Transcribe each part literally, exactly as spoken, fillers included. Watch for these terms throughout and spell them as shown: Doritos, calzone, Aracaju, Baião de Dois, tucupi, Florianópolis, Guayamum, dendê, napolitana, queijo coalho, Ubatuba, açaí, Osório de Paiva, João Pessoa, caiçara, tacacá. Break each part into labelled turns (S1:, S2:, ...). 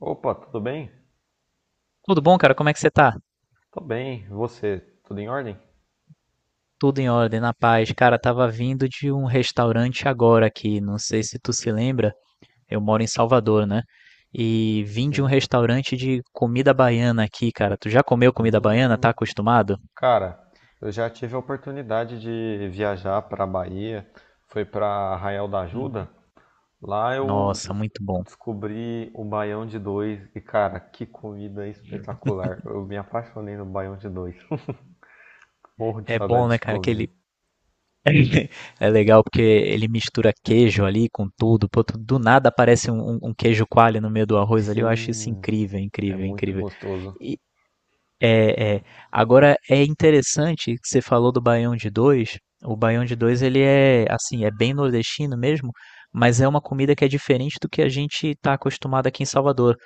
S1: Opa, tudo bem?
S2: Tudo bom, cara? Como é que você tá?
S1: Tô bem. E Você, tudo em ordem?
S2: Tudo em ordem, na paz. Cara, tava vindo de um restaurante agora aqui, não sei se tu se lembra, eu moro em Salvador, né? E vim de um
S1: Sim.
S2: restaurante de comida baiana aqui, cara. Tu já comeu comida baiana? Tá
S1: Hum,
S2: acostumado?
S1: cara, eu já tive a oportunidade de viajar para Bahia, foi para Arraial da
S2: Uhum.
S1: Ajuda. Lá eu
S2: Nossa, muito bom.
S1: descobri o baião de dois e, cara, que comida espetacular. Eu me apaixonei no baião de dois. Morro de
S2: É bom,
S1: saudade
S2: né,
S1: de
S2: cara?
S1: comer.
S2: Aquele. É legal porque ele mistura queijo ali com tudo. Pô, tu- do nada aparece um, um- um queijo coalho no meio do arroz ali. Eu acho isso
S1: Sim,
S2: incrível,
S1: é
S2: incrível,
S1: muito
S2: incrível.
S1: gostoso.
S2: É, é. Agora é interessante que você falou do Baião de Dois. O Baião de Dois ele é assim, é bem nordestino mesmo, mas é uma comida que é diferente do que a gente está acostumado aqui em Salvador,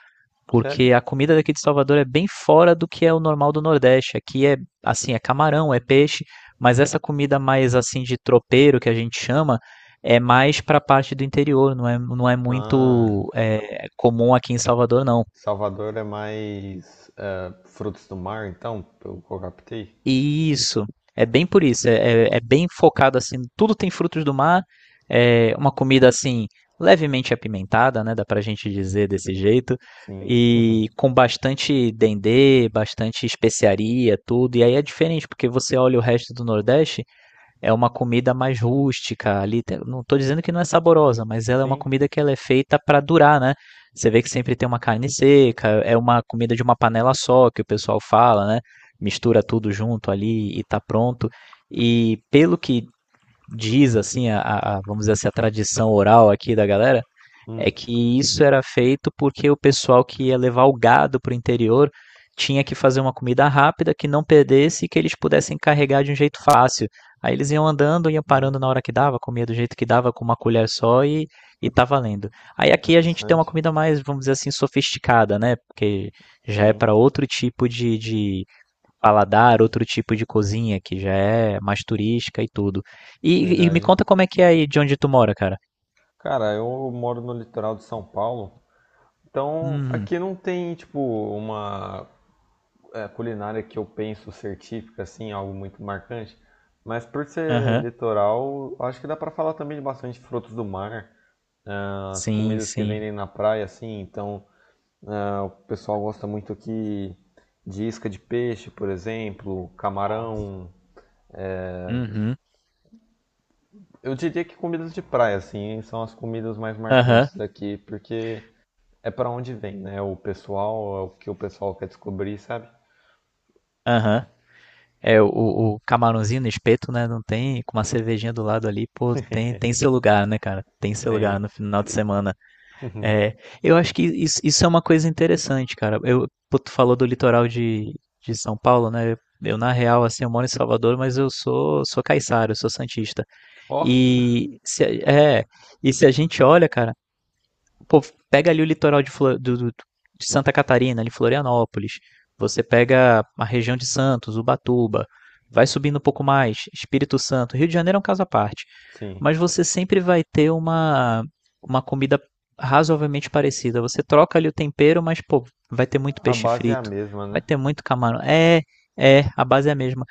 S1: Sério?
S2: porque a comida daqui de Salvador é bem fora do que é o normal do Nordeste. Aqui é assim, é camarão, é peixe, mas essa comida mais assim de tropeiro que a gente chama é mais para a parte do interior, não é, não é
S1: Ah,
S2: muito é, comum aqui em Salvador, não.
S1: Salvador é mais eh, frutos do mar, então, pelo que eu captei.
S2: Isso, é bem por isso, é, é- é bem focado assim, tudo tem frutos do mar, é uma comida assim levemente apimentada, né, dá pra gente dizer desse jeito,
S1: Sim,
S2: e com bastante dendê, bastante especiaria, tudo, e aí é diferente porque você olha o resto do Nordeste, é uma comida mais rústica ali. te- Não estou dizendo que não é saborosa, mas ela é uma
S1: sim,
S2: comida que ela é feita para durar, né? Você vê que sempre tem uma carne seca, é uma comida de uma panela só que o pessoal fala, né? Mistura tudo junto ali e tá pronto. E pelo que diz assim a, a- a- vamos dizer assim, a tradição oral aqui da galera, é
S1: hum,
S2: que isso era feito porque o pessoal que ia levar o gado para o interior tinha que fazer uma comida rápida que não perdesse e que eles pudessem carregar de um jeito fácil. Aí eles iam andando, iam
S1: sim,
S2: parando na hora que dava, comia do jeito que dava, com uma colher só e, e tá valendo. Aí aqui a gente tem uma
S1: interessante,
S2: comida mais, vamos dizer assim, sofisticada, né? Porque já é
S1: sim,
S2: para outro tipo de, de paladar, outro tipo de cozinha, que já é mais turística e tudo. E, e me
S1: verdade.
S2: conta como é que é aí de onde tu mora, cara.
S1: Cara, eu moro no litoral de São Paulo, então
S2: Hum,
S1: aqui não tem, tipo, uma é, culinária que eu penso ser típica, assim, algo muito marcante, mas por ser
S2: aham.
S1: litoral, acho que dá pra falar também de bastante frutos do mar, ah, as
S2: Sim,
S1: comidas que
S2: sim.
S1: vendem na praia, assim, então ah, o pessoal gosta muito aqui de isca de peixe, por exemplo,
S2: Nossa.
S1: camarão.
S2: Uhum.
S1: Eu diria que comidas de praia, assim, são as comidas mais
S2: Aham,
S1: marcantes daqui, porque é pra onde vem, né? O pessoal, é o que o pessoal quer descobrir, sabe?
S2: aham. É, o, o camarãozinho no espeto, né? Não tem, com uma cervejinha do lado ali, pô, tem, tem seu lugar, né, cara? Tem seu lugar
S1: Tem,
S2: no final de semana.
S1: tem.
S2: É, eu acho que isso, isso é uma coisa interessante, cara. Eu, pô, tu falou do litoral de, de São Paulo, né? Eu, na real, assim, eu moro em Salvador, mas eu sou, sou caiçara, eu sou santista.
S1: Ó,
S2: E se, a- é, e se a gente olha, cara. Pô, pega ali o litoral de, Flo- do- do- de Santa Catarina, ali Florianópolis. Você pega a região de Santos, Ubatuba. Vai subindo um pouco mais, Espírito Santo. Rio de Janeiro é um caso à parte.
S1: sim.
S2: Mas você sempre vai ter uma, uma comida razoavelmente parecida. Você troca ali o tempero, mas, pô, vai ter muito
S1: A
S2: peixe
S1: base é a
S2: frito.
S1: mesma,
S2: Vai
S1: né?
S2: ter muito camarão. É, é, a base é a mesma.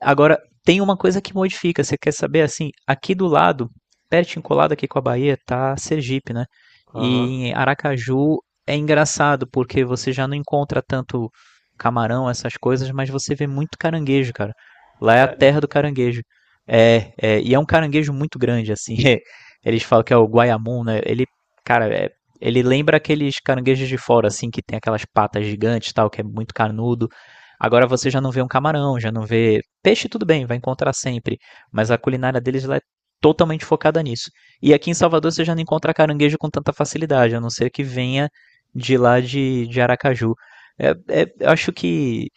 S2: Agora, tem uma coisa que modifica. Você quer saber assim? Aqui do lado, pertinho colado aqui com a Bahia, tá Sergipe, né? E
S1: Aham.
S2: em Aracaju é engraçado, porque você já não encontra tanto camarão, essas coisas, mas você vê muito caranguejo, cara. Lá é a
S1: Sério?
S2: terra do caranguejo. É, é, e é um caranguejo muito grande, assim. É, Eles falam que é o Guayamum, né? Ele, cara, é, ele lembra aqueles caranguejos de fora, assim, que tem aquelas patas gigantes, e tal, que é muito carnudo. Agora você já não vê um camarão, já não vê peixe, tudo bem, vai encontrar sempre, mas a culinária deles lá é totalmente focada nisso. E aqui em Salvador você já não encontra caranguejo com tanta facilidade, a não ser que venha de lá de, de Aracaju. É, é, eu acho que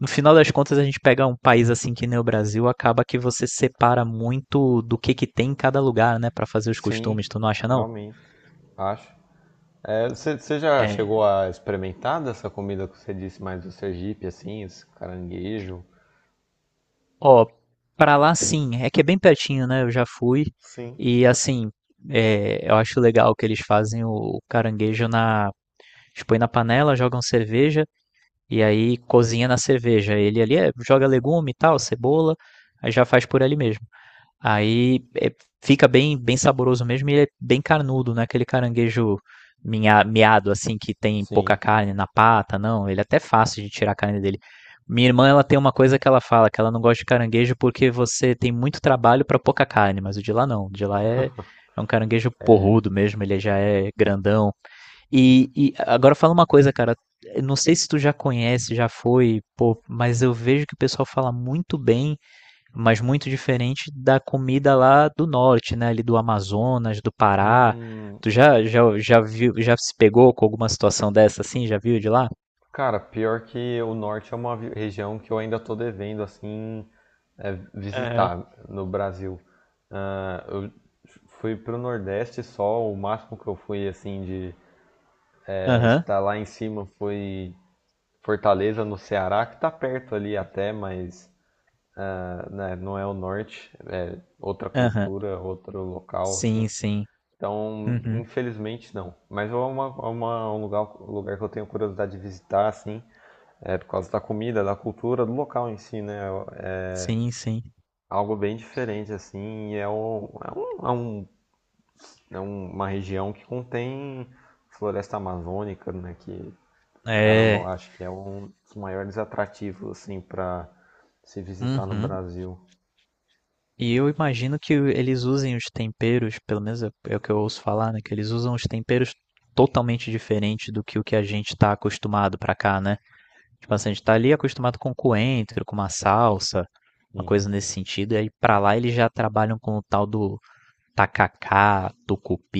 S2: no final das contas a gente pega um país assim que nem o Brasil, acaba que você separa muito do que que tem em cada lugar, né, Pra fazer os
S1: Sim,
S2: costumes, tu não acha não?
S1: realmente. Acho. É, Você você já chegou
S2: É.
S1: a experimentar dessa comida que você disse mais do Sergipe, assim, esse caranguejo?
S2: Ó, pra lá sim, é que é bem pertinho, né? Eu já fui
S1: Sim.
S2: e assim, é, eu acho legal que eles fazem o caranguejo na, eles põem na panela, jogam cerveja E aí cozinha na cerveja. Ele ali é, joga legume e tal, cebola, aí já faz por ali mesmo. Aí é, fica bem, bem saboroso mesmo e ele é bem carnudo, não é aquele caranguejo minha- miado assim que tem pouca
S1: Sim.
S2: carne na pata, não. Ele é até fácil de tirar a carne dele. Minha irmã, ela tem uma coisa que ela fala, que ela não gosta de caranguejo porque você tem muito trabalho pra pouca carne, mas o de lá não. O de lá é, é um caranguejo porrudo mesmo, ele já é grandão, e, e agora fala uma coisa, cara. Eu Não sei se tu já conhece, já foi, pô, mas eu vejo que o pessoal fala muito bem, mas muito diferente da comida lá do norte, né? Ali do Amazonas, do Pará.
S1: Hum,
S2: Tu já, já, já viu, já se pegou com alguma situação dessa assim? Já viu de lá?
S1: cara, pior que o norte é uma vi- região que eu ainda tô devendo, assim, é,
S2: Aham,
S1: visitar no Brasil. Ah, eu fui pro Nordeste só, o máximo que eu fui, assim, de é,
S2: aham,
S1: estar lá em cima foi Fortaleza, no Ceará, que tá perto ali até, mas ah, né, não é o norte, é outra
S2: aham.
S1: cultura, outro local,
S2: Sim,
S1: assim.
S2: sim.
S1: Então,
S2: Uhum.
S1: infelizmente, não. Mas é, uma, é uma- um lugar, um lugar que eu tenho curiosidade de visitar, assim. É por causa da comida, da cultura, do local em si, né? É
S2: Sim, sim.
S1: algo bem diferente, assim, e é, o- é um- é um- é um, uma região que contém floresta amazônica, né? Que, caramba, eu
S2: É.
S1: acho que é um dos maiores atrativos, assim, para se visitar no
S2: Uhum.
S1: Brasil.
S2: E eu imagino que eles usem os temperos, pelo menos é é o que eu ouço falar, né? Que eles usam os temperos totalmente diferente do que o que a gente está acostumado pra cá, né? Tipo assim, a gente tá ali acostumado com coentro, com uma salsa, uma
S1: Sim.
S2: coisa nesse sentido, e aí pra lá eles já trabalham com o tal do tacacá,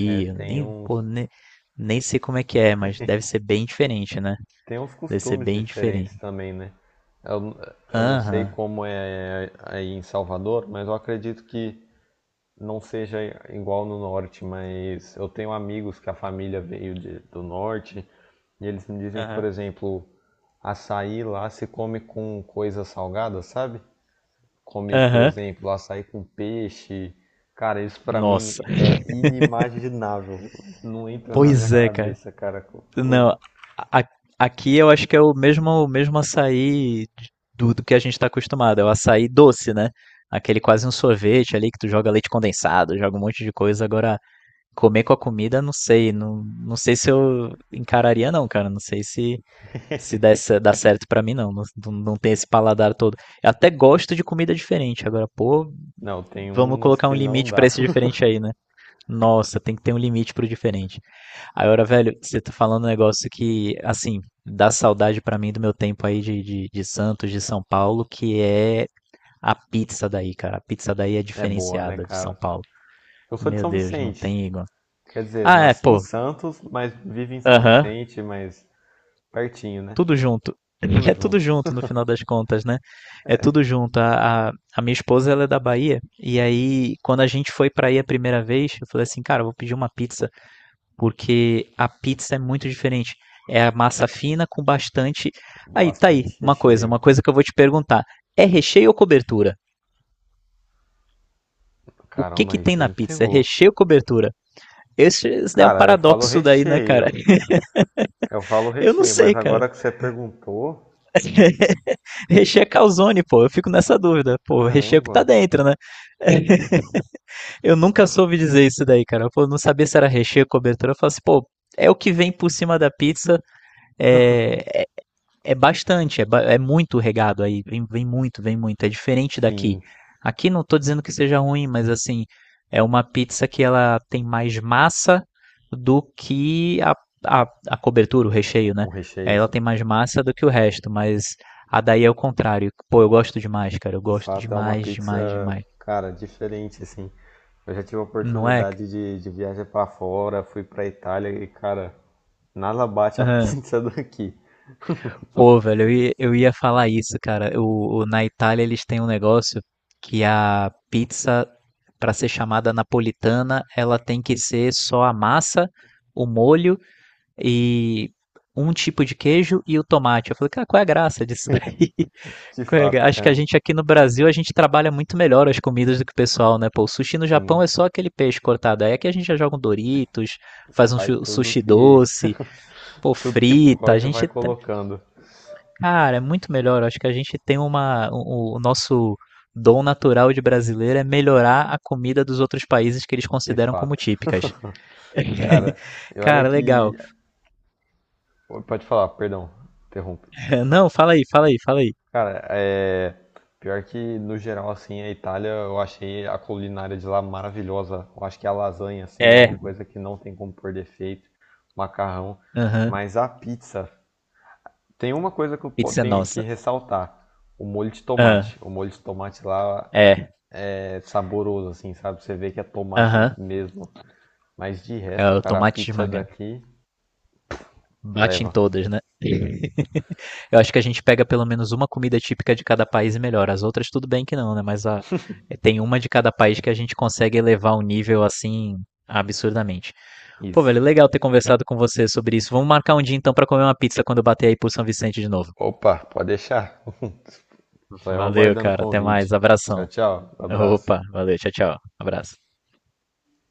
S1: É,
S2: eu
S1: tem
S2: nem,
S1: uns,
S2: pô, nem, nem sei como é que é, mas deve ser bem diferente, né?
S1: tem uns
S2: Deve ser
S1: costumes
S2: bem
S1: diferentes
S2: diferente.
S1: também, né? Eu, eu não sei
S2: Aham,
S1: como é aí em Salvador, mas eu acredito que não seja igual no norte, mas eu tenho amigos que a família veio de- do norte e eles me dizem que, por
S2: aham,
S1: exemplo, açaí lá se come com coisa salgada, sabe? Come, por
S2: aham.
S1: exemplo, açaí com peixe. Cara, isso pra
S2: Nossa.
S1: mim é inimaginável. Não entra na minha
S2: Pois é, cara.
S1: cabeça, cara.
S2: Não, a- aqui eu acho que é o mesmo, o mesmo açaí do, do que a gente está acostumado, é o açaí doce, né? Aquele quase um sorvete ali que tu joga leite condensado, joga um monte de coisa. Agora, comer com a comida, não sei, não, não sei se eu encararia não, cara, não sei se se dá, ce- dá certo pra mim não, não, não não tem esse paladar todo. Eu até gosto de comida diferente, agora, pô,
S1: Não, tem
S2: vamos
S1: umas
S2: colocar um
S1: que não
S2: limite pra
S1: dá.
S2: esse diferente aí, né? Nossa, tem que ter um limite pro diferente. Aí, ora, velho, você tá falando um negócio que, assim, dá saudade pra mim do meu tempo aí de, de, de Santos, de São Paulo, que é a pizza daí, cara. A pizza daí é
S1: É boa, né,
S2: diferenciada de São
S1: cara?
S2: Paulo.
S1: Eu sou de
S2: Meu
S1: São
S2: Deus, não
S1: Vicente.
S2: tem igual.
S1: Quer dizer,
S2: Ah, é,
S1: nasci em
S2: pô,
S1: Santos, mas vivo em São
S2: aham,
S1: Vicente, mas pertinho, né?
S2: tudo junto.
S1: Tudo
S2: É tudo
S1: junto.
S2: junto no final das contas, né? É tudo junto. A, a, a minha esposa, ela é da Bahia, e aí, quando a gente foi pra aí a primeira vez, eu falei assim, cara, eu vou pedir uma pizza. Porque a pizza é muito diferente. É a massa fina com bastante. Aí, tá aí,
S1: Bastante
S2: uma coisa,
S1: recheio.
S2: uma coisa que eu vou te perguntar. É recheio ou cobertura? O que
S1: Caramba,
S2: que
S1: aí
S2: tem
S1: você
S2: na
S1: me
S2: pizza? É
S1: pegou.
S2: recheio ou cobertura? Esse, esse é um
S1: Cara, eu falo
S2: paradoxo daí, né, cara?
S1: recheio. Eu falo
S2: Eu não
S1: recheio, mas
S2: sei, cara.
S1: agora que você perguntou,
S2: recheio é calzone, pô. Eu fico nessa dúvida. Pô, recheio que
S1: caramba.
S2: tá dentro, né? eu nunca soube dizer isso daí, cara. Eu não sabia se era recheio ou cobertura. Eu falo assim, pô, é o que vem por cima da pizza. É, É bastante, é, ba- é muito regado aí, vem, vem muito, vem muito, é diferente daqui.
S1: Sim,
S2: Aqui não tô dizendo que seja ruim, mas assim, é uma pizza que ela tem mais massa do que a, a, a cobertura, o recheio, né?
S1: um recheio,
S2: Ela
S1: assim,
S2: tem mais massa do que o resto, mas a daí é o contrário. Pô, eu gosto demais, cara, eu
S1: de
S2: gosto
S1: fato é uma
S2: demais, demais,
S1: pizza,
S2: demais.
S1: cara, diferente, assim. Eu já tive a
S2: Não é?
S1: oportunidade de, de viajar pra fora, fui pra Itália e, cara, nada bate a pizza daqui.
S2: Pô, velho, eu ia, eu ia falar isso, cara. O, o- na Itália eles têm um negócio que a pizza, pra ser chamada napolitana, ela tem que ser só a massa, o molho e um tipo de queijo e o tomate. Eu falei, cara, qual é a graça disso daí?
S1: De
S2: Qual é a
S1: fato,
S2: gra- Acho que a
S1: cara.
S2: gente aqui no Brasil, a gente trabalha muito melhor as comidas do que o pessoal, né? Pô, o sushi no Japão
S1: Sim,
S2: é só aquele peixe cortado. Aí aqui a gente já joga um Doritos, faz um
S1: vai
S2: chu-
S1: tudo
S2: sushi
S1: que
S2: doce, pô,
S1: tudo que
S2: frita. A
S1: pode vai
S2: gente
S1: colocando,
S2: Cara, é muito melhor. Eu acho que a gente tem uma. O, o nosso dom natural de brasileiro é melhorar a comida dos outros países que eles
S1: de
S2: consideram como
S1: fato.
S2: típicas.
S1: Cara, e olha
S2: Cara, legal.
S1: que. Pode falar, perdão, interrompe.
S2: Não, fala aí, fala aí, fala aí.
S1: Cara, é. Pior que no geral, assim, a Itália, eu achei a culinária de lá maravilhosa. Eu acho que a lasanha, assim, é uma
S2: É.
S1: coisa que não tem como pôr defeito. Macarrão.
S2: Aham.
S1: Mas a pizza, tem uma coisa que eu po-
S2: Pizza é
S1: tenho que
S2: nossa.
S1: ressaltar: o molho de
S2: Ah,
S1: tomate. O molho de tomate lá
S2: é.
S1: é saboroso, assim, sabe? Você vê que é tomate
S2: Aham.
S1: mesmo. Mas de
S2: É
S1: resto,
S2: o
S1: cara, a
S2: tomate
S1: pizza
S2: esmagado.
S1: daqui
S2: Bate em
S1: leva.
S2: todas, né? Eu acho que a gente pega pelo menos uma comida típica de cada país e melhora. As outras tudo bem que não, né? Mas a, tem uma de cada país que a gente consegue elevar o nível assim absurdamente. Pô,
S1: Isso.
S2: velho, legal ter conversado com você sobre isso. Vamos marcar um dia então pra comer uma pizza quando eu bater aí por São Vicente de novo.
S1: Opa, pode deixar. Só eu
S2: Valeu,
S1: aguardando o
S2: cara. Até mais.
S1: convite.
S2: Abração.
S1: Tchau, tchau. Um Abraço.
S2: Opa, valeu. Tchau, tchau. Abraço.